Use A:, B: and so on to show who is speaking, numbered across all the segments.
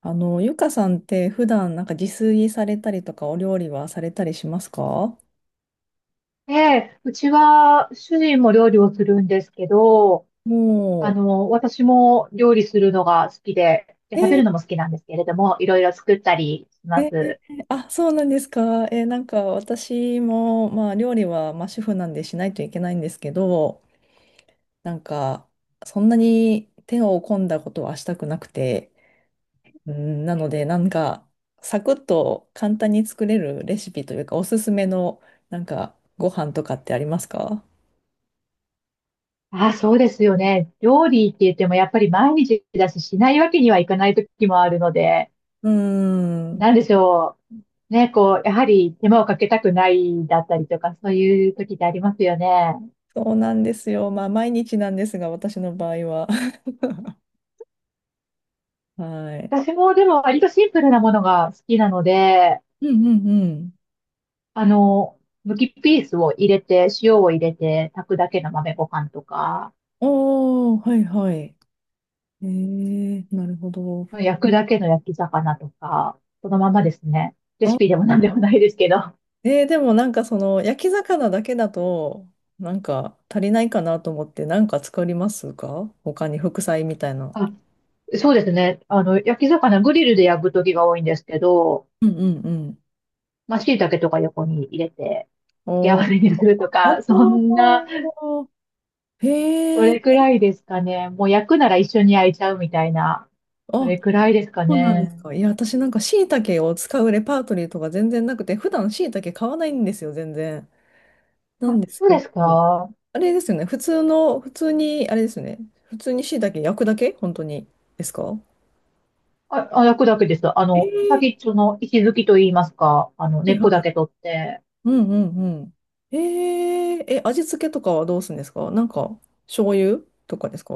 A: ゆかさんって普段なんか自炊されたりとかお料理はされたりしますか？
B: ええ、うちは主人も料理をするんですけど、
A: も
B: 私も料理するのが好きで、いや
A: う、
B: 食べるのも好きなんですけれども、いろいろ作ったりします。
A: あ、そうなんですか。なんか私も、まあ料理は、まあ、主婦なんでしないといけないんですけど、なんかそんなに手を込んだことはしたくなくて、うん、なのでなんかサクッと簡単に作れるレシピというかおすすめのなんかご飯とかってありますか？
B: ああ、そうですよね。料理って言ってもやっぱり毎日だし、しないわけにはいかない時もあるので、
A: うーん。
B: なんでしょう。ね、こう、やはり手間をかけたくないだったりとか、そういう時ってありますよね。
A: そうなんですよ。まあ、毎日なんですが、私の場合は。はい。
B: 私もでも割とシンプルなものが好きなので、
A: うんうんうん。
B: あの、むきピースを入れて、塩を入れて、炊くだけの豆ご飯とか、
A: おー、はいはい。えなるほど。
B: 焼くだけの焼き魚とか、そのままですね。レ
A: あ、
B: シピでも何でもないですけど。
A: でもなんかその、焼き魚だけだと、なんか足りないかなと思って、なんか作りますか？他に副菜みたいな。
B: あ、そうですね。焼き魚、グリルで焼く時が多いんですけど、
A: うんうんうん。
B: まあ、椎茸とか横に入れて、付け合
A: おー、
B: わせにすると
A: あ
B: か、そんな、
A: ー、
B: そ
A: へえ、
B: れくらいですかね。もう焼くなら一緒に焼いちゃうみたいな、そ
A: あ、
B: れくらいですか
A: そうなんです
B: ね。
A: か。いや、私なんか椎茸を使うレパートリーとか全然なくて、普段椎茸買わないんですよ、全然。なん
B: あ、
A: です
B: そう
A: け
B: です
A: ど、
B: か。
A: あれですよね。普通に、あれですよね。普通に椎茸焼くだけ本当に。ですか？
B: あ、あ、焼くだけです。
A: え
B: 先
A: ー、
B: っちょの石づきと言いますか、
A: は
B: 根
A: い
B: っ
A: は
B: こだけ
A: い。
B: 取って、
A: うんうんうん。味付けとかはどうするんですか？なんか、醤油とかですか？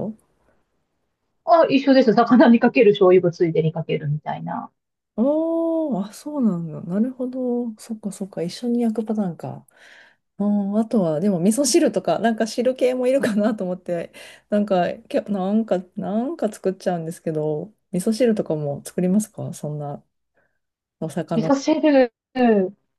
B: あ、一緒です。魚にかける醤油をついでにかけるみたいな。
A: あーあ、そうなんだ。なるほど。そっかそっか。一緒に焼くパターンか。あー、あとは、でも、味噌汁とか、なんか汁系もいるかなと思って、なんか、け、なんか、なんか作っちゃうんですけど、味噌汁とかも作りますか？そんな。お
B: 味
A: 魚。
B: 噌汁、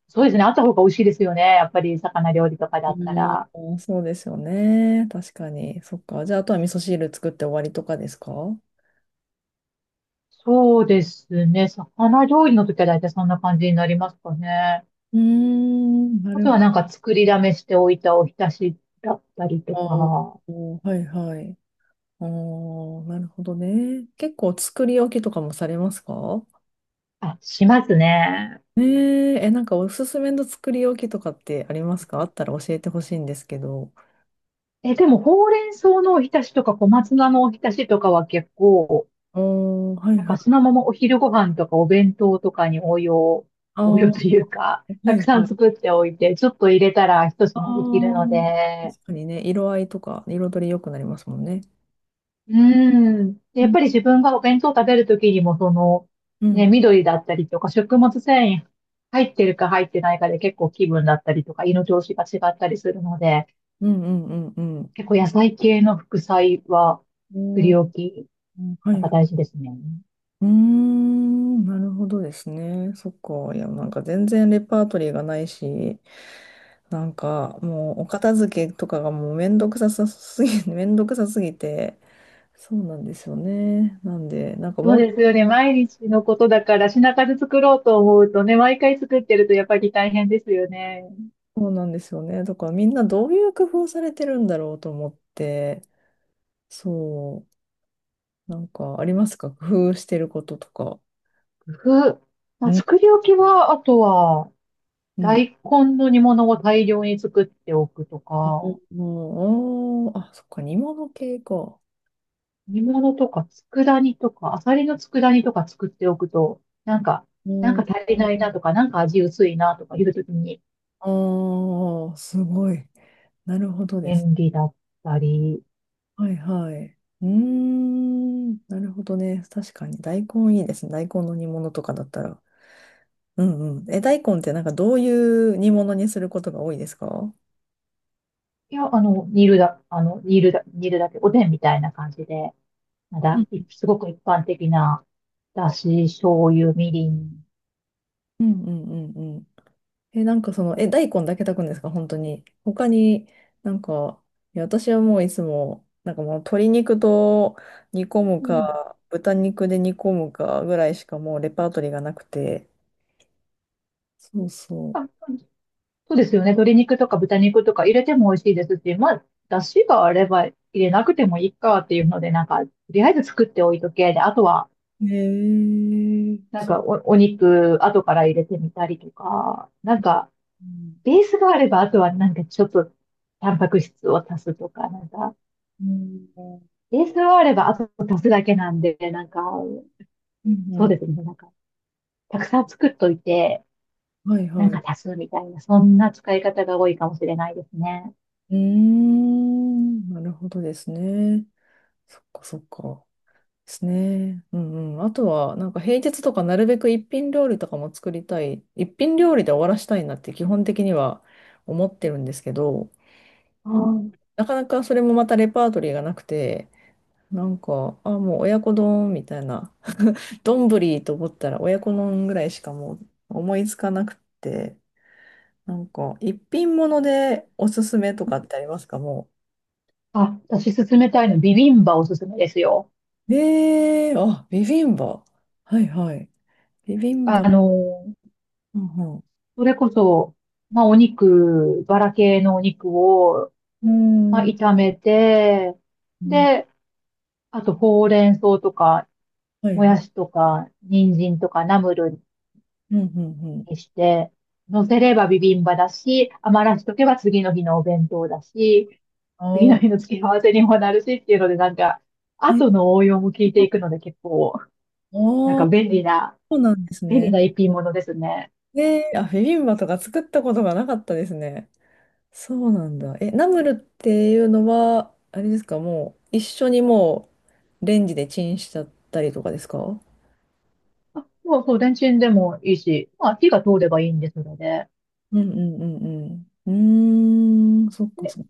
B: そうですね。あった方が美味しいですよね。やっぱり魚料理とかだったら。
A: うん、そうですよね。確かに。そっか。じゃあ、あとは味噌汁作って終わりとかですか？う
B: そうですね。魚料理の時は大体そんな感じになりますかね。
A: ーん、な
B: あ
A: る
B: と
A: ほ
B: はなんか作りだめしておいたおひたしだったりと
A: ど。
B: か。
A: あー、はいはい。あー、なるほどね。結構作り置きとかもされますか？
B: あ、しますね。
A: ねえ、なんかおすすめの作り置きとかってありますか？あったら教えてほしいんですけど。
B: え、でもほうれん草のおひたしとか小松菜のおひたしとかは結構、
A: おー、はい
B: なん
A: は
B: かそ
A: い。
B: のままお昼ご飯とかお弁当とかに応用、
A: あ
B: 応用
A: ー、
B: というか、
A: は
B: た
A: い
B: くさ
A: は
B: ん
A: い。
B: 作っておいて、ちょっと入れたら一
A: あ
B: 品できるの
A: ー、
B: で、
A: 確かにね、色合いとか彩り良くなりますもんね。
B: うーん。で
A: う
B: やっ
A: ん
B: ぱり自分がお弁当食べるときにも、その、
A: うん
B: ね、緑だったりとか、食物繊維入ってるか入ってないかで結構気分だったりとか、胃の調子が違ったりするので、
A: うんうんうんうん。
B: 結構野菜系の副菜は、
A: う
B: 作
A: ん、は
B: り置き、なん
A: い。
B: か大事ですね。
A: うーん、なるほどですね。そっか。いや、なんか全然レパートリーがないし、なんかもうお片付けとかがもうめんどくささすぎ、めんどくさすぎて、そうなんですよね。なんで、なんか
B: そう
A: もう、
B: ですよね。毎日のことだから品数作ろうと思うとね、毎回作ってるとやっぱり大変ですよね。
A: そうなんですよね。だからみんなどういう工夫されてるんだろうと思って、そう、なんかありますか？工夫してることとか。
B: 工夫。ま
A: う
B: あ、
A: ん、
B: 作り置きは、あとは、
A: うん。
B: 大根の煮物を大量に作っておくとか、
A: もうん、あーあ、そっか、煮物系か。
B: 煮物とか佃煮とか、アサリの佃煮とか作っておくと、なんか、なんか足りないなとか、なんか味薄いなとかいうときに
A: ああ、すごい。なるほどです。
B: 便利だったり、
A: はいはい。うーん、なるほどね。確かに大根いいですね。大根の煮物とかだったら。うんうん。大根ってなんかどういう煮物にすることが多いですか？
B: いや、あの、煮るだ、あの、煮るだ、煮るだけ、おでんみたいな感じで。なん
A: う
B: だ、
A: ん
B: いすごく一般的な、だし、醤油、みりん。
A: うんうんうんうん。なんかその、大根だけ炊くんですか本当に？他になんか、いや、私はもういつも、なんかもう鶏肉と煮込む
B: うん。
A: か、豚肉で煮込むかぐらいしかもうレパートリーがなくて。そうそう。
B: あ、そうですよね。鶏肉とか豚肉とか入れても美味しいですし、まあ、だしがあれば入れなくてもいいかっていうので、なんか、とりあえず作っておいとけ。で、あとは、
A: へえ。
B: なんかお、お肉、後から入れてみたりとか、なんか、
A: うん、
B: ベースがあれば、あとはなんかちょっと、タンパク質を足すとか、なんか、
A: うん。
B: ベースがあれば、あと足すだけなんで、なんか、
A: う
B: そう
A: ん、
B: ですね。なんか、たくさん作っといて、
A: はい
B: なん
A: はい。
B: か足すみたいな、そんな使い方が多いかもしれないですね。
A: うーん。なるほどですね。そっかそっか。ですね。うんうん。あとは、なんか平日とかなるべく一品料理とかも作りたい。一品料理で終わらしたいなって基本的には思ってるんですけど、
B: うん。
A: なかなかそれもまたレパートリーがなくて、なんか、あ、もう親子丼みたいな。丼と思ったら親子丼ぐらいしかもう思いつかなくて。なんか、一品物でおすすめとかってありますか？も
B: あ、私勧めたいの、ビビンバおすすめですよ。
A: う。あ、ビビンバ。はいはい。ビビン
B: あ
A: バ。
B: の、
A: うん
B: それこそ、まあお肉、バラ系のお肉を、
A: う
B: まあ
A: ん。うーん。
B: 炒めて、で、あとほうれん草とか、
A: はい
B: も
A: は
B: や
A: い。
B: しとか、人参とか、ナムル
A: うんうんうん。
B: にして、乗せればビビンバだし、余らしとけば次の日のお弁当だし、次の日
A: あ
B: の付け合わせにもなるしっていうので、なんか、
A: あ、ね、
B: 後の応用も聞いていくので結構、
A: あ
B: なん
A: あ、
B: か便利な、
A: そうなんです
B: 便
A: ね。
B: 利な一品物ですね。
A: ねえ、あ、ビビンバとか作ったことがなかったですね。そうなんだ。ナムルっていうのは、あれですか、もう、一緒にもう、レンジでチンしちゃったりとかですか？
B: あもうそう、レンチンでもいいし、まあ火が通ればいいんですので、
A: うんうんうんうん。うーん、そっか
B: で、
A: そっか、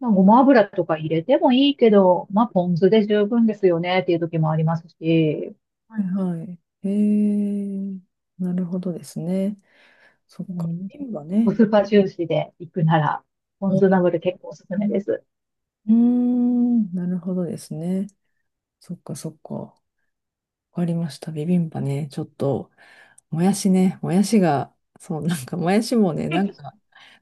B: まあ、ごま油とか入れてもいいけど、まあポン酢で十分ですよねっていう時もありますし、
A: はいはい。えー、なるほどですね。そっ
B: う
A: か。
B: ん、
A: 瓶は
B: コ
A: ね。
B: スパ重視で行くなら、ポン酢
A: う
B: なので結構おすす
A: ん、
B: めです。
A: うーん、なるほどですね。そっかそっか。わかりました。ビビンバね。ちょっと、もやしね。もやしが、そう、なんかもやしもね、なんか、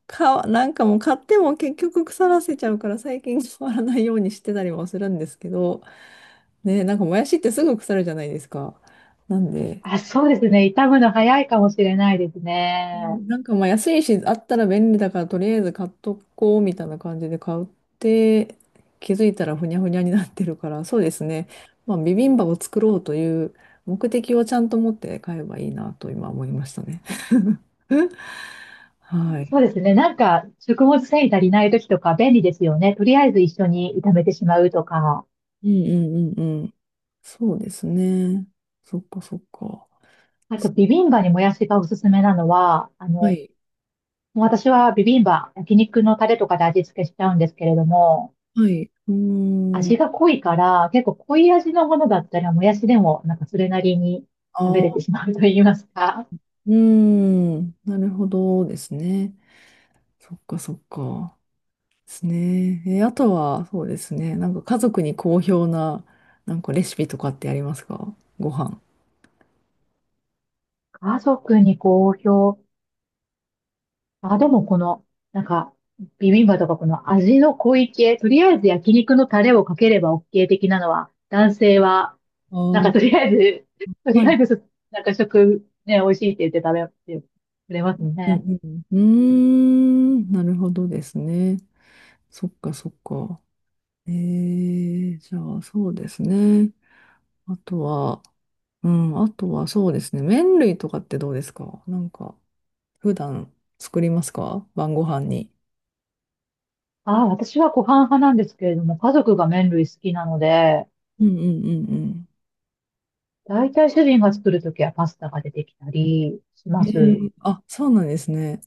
A: か、なんかもう買っても結局腐らせちゃうから最近変わらないようにしてたりもするんですけど、ね、なんかもやしってすぐ腐るじゃないですか。なんで、
B: あ、そうですね。傷むの早いかもしれないですね。
A: なんかまあ安いし、あったら便利だからとりあえず買っとこうみたいな感じで買って、気づいたらふにゃふにゃになってるから、そうですね。まあビビンバを作ろうという目的をちゃんと持って買えばいいなと今思いましたね。はい。
B: そうですね。なんか、食物繊維足りない時とか便利ですよね。とりあえず一緒に炒めてしまうとか。
A: うんうんうんうん。そうですね。そっかそっか。
B: あと、ビビンバにもやしがおすすめなのは、
A: は
B: も
A: い。
B: う私はビビンバ、焼肉のタレとかで味付けしちゃうんですけれども、
A: はい。うーん。
B: 味が濃いから、結構濃い味のものだったら、もやしでも、なんかそれなりに食べ
A: あ
B: れて
A: あ、
B: しまうと言いますか。
A: うーん。なるほどですね。そっかそっか。ですね。あとは、そうですね。なんか家族に好評な、なんかレシピとかってありますか？ご飯。
B: 家族に好評。あ、でもこの、なんか、ビビンバとかこの味の濃い系、とりあえず焼肉のタレをかければ OK 的なのは、男性は、
A: あ
B: なんか
A: ー、
B: とりあえず、と
A: は
B: りあえ
A: い。
B: ずそ、なんか食、ね、美味しいって言って食べてくれます
A: う
B: ね。
A: んうん。うーん、なるほどですね。そっかそっか。じゃあそうですね。あとは、うん、あとはそうですね。麺類とかってどうですか？なんか、普段作りますか？晩ご飯に。
B: ああ、私はご飯派なんですけれども、家族が麺類好きなので、
A: うんうんうん
B: だいたい主人が作るときはパスタが出てきたりし
A: う
B: ま
A: ん。
B: す。
A: あ、そうなんですね。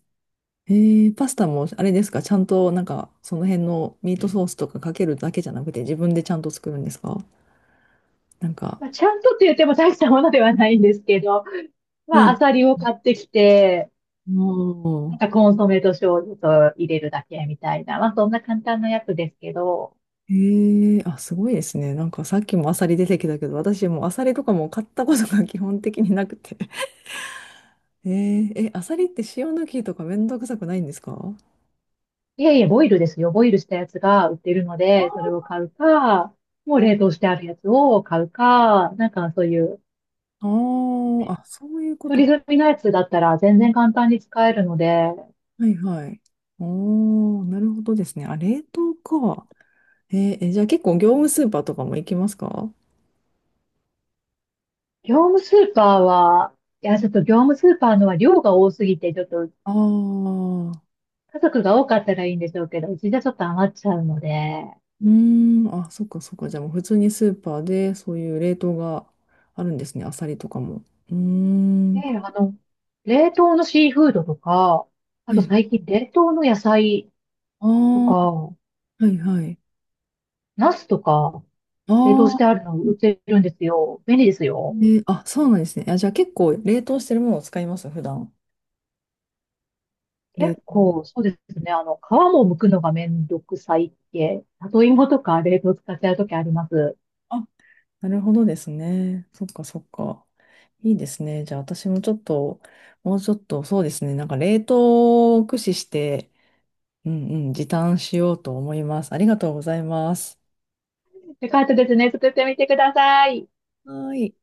A: パスタもあれですか、ちゃんとなんかその辺のミートソースとかかけるだけじゃなくて自分でちゃんと作るんですか？なんか。
B: まあ、ちゃんとって言っても大したものではないんですけど、
A: う
B: まあ、ア
A: ん。
B: サリを買ってきて、
A: お
B: なん
A: ー、
B: かコンソメと醤油と入れるだけみたいな。まあそんな簡単なやつですけど。
A: えあ、すごいですね。なんかさっきもアサリ出てきたけど、私もうアサリとかも買ったことが基本的になくて。アサリって塩抜きとかめんどくさくないんですか？
B: いえいえ、ボイルですよ。ボイルしたやつが売ってるので、それを買うか、もう冷凍してあるやつを買うか、なんかそういう、
A: あー
B: ね、
A: あ、そういうこと。
B: 取り済みのやつだったら全然簡単に使えるので、
A: はいはい。おー、なるほどですね。あ、冷凍か。えーえじゃあ結構業務スーパーとかも行きますか？
B: 業務スーパーは、いや、ちょっと業務スーパーのは量が多すぎて、ちょっと
A: ああ、う
B: 家族が多かったらいいんでしょうけど、うちじゃちょっと余っちゃうので、
A: ーん、あ、そっかそっか。じゃあもう普通にスーパーでそういう冷凍があるんですね。アサリとかも。うーん。
B: ねえ、冷凍のシーフードとか、あ
A: は
B: と
A: い。
B: 最近冷凍の野菜
A: あ
B: とか、
A: あ、はいはい。
B: ナスとか、
A: あ
B: 冷凍して
A: あ、
B: あるの売ってるんですよ。便利ですよ。
A: で、あ、そうなんですね。あ、じゃあ結構冷凍してるものを使います、普段。冷、
B: 結構、そうですね。皮も剥くのがめんどくさい系。里芋とか冷凍使っちゃうときあります。
A: あ、なるほどですね。そっかそっか。いいですね。じゃあ私もちょっと、もうちょっと、そうですね。なんか冷凍を駆使して、うんうん、時短しようと思います。ありがとうございます。
B: よかったですね。作ってみてください。
A: はーい。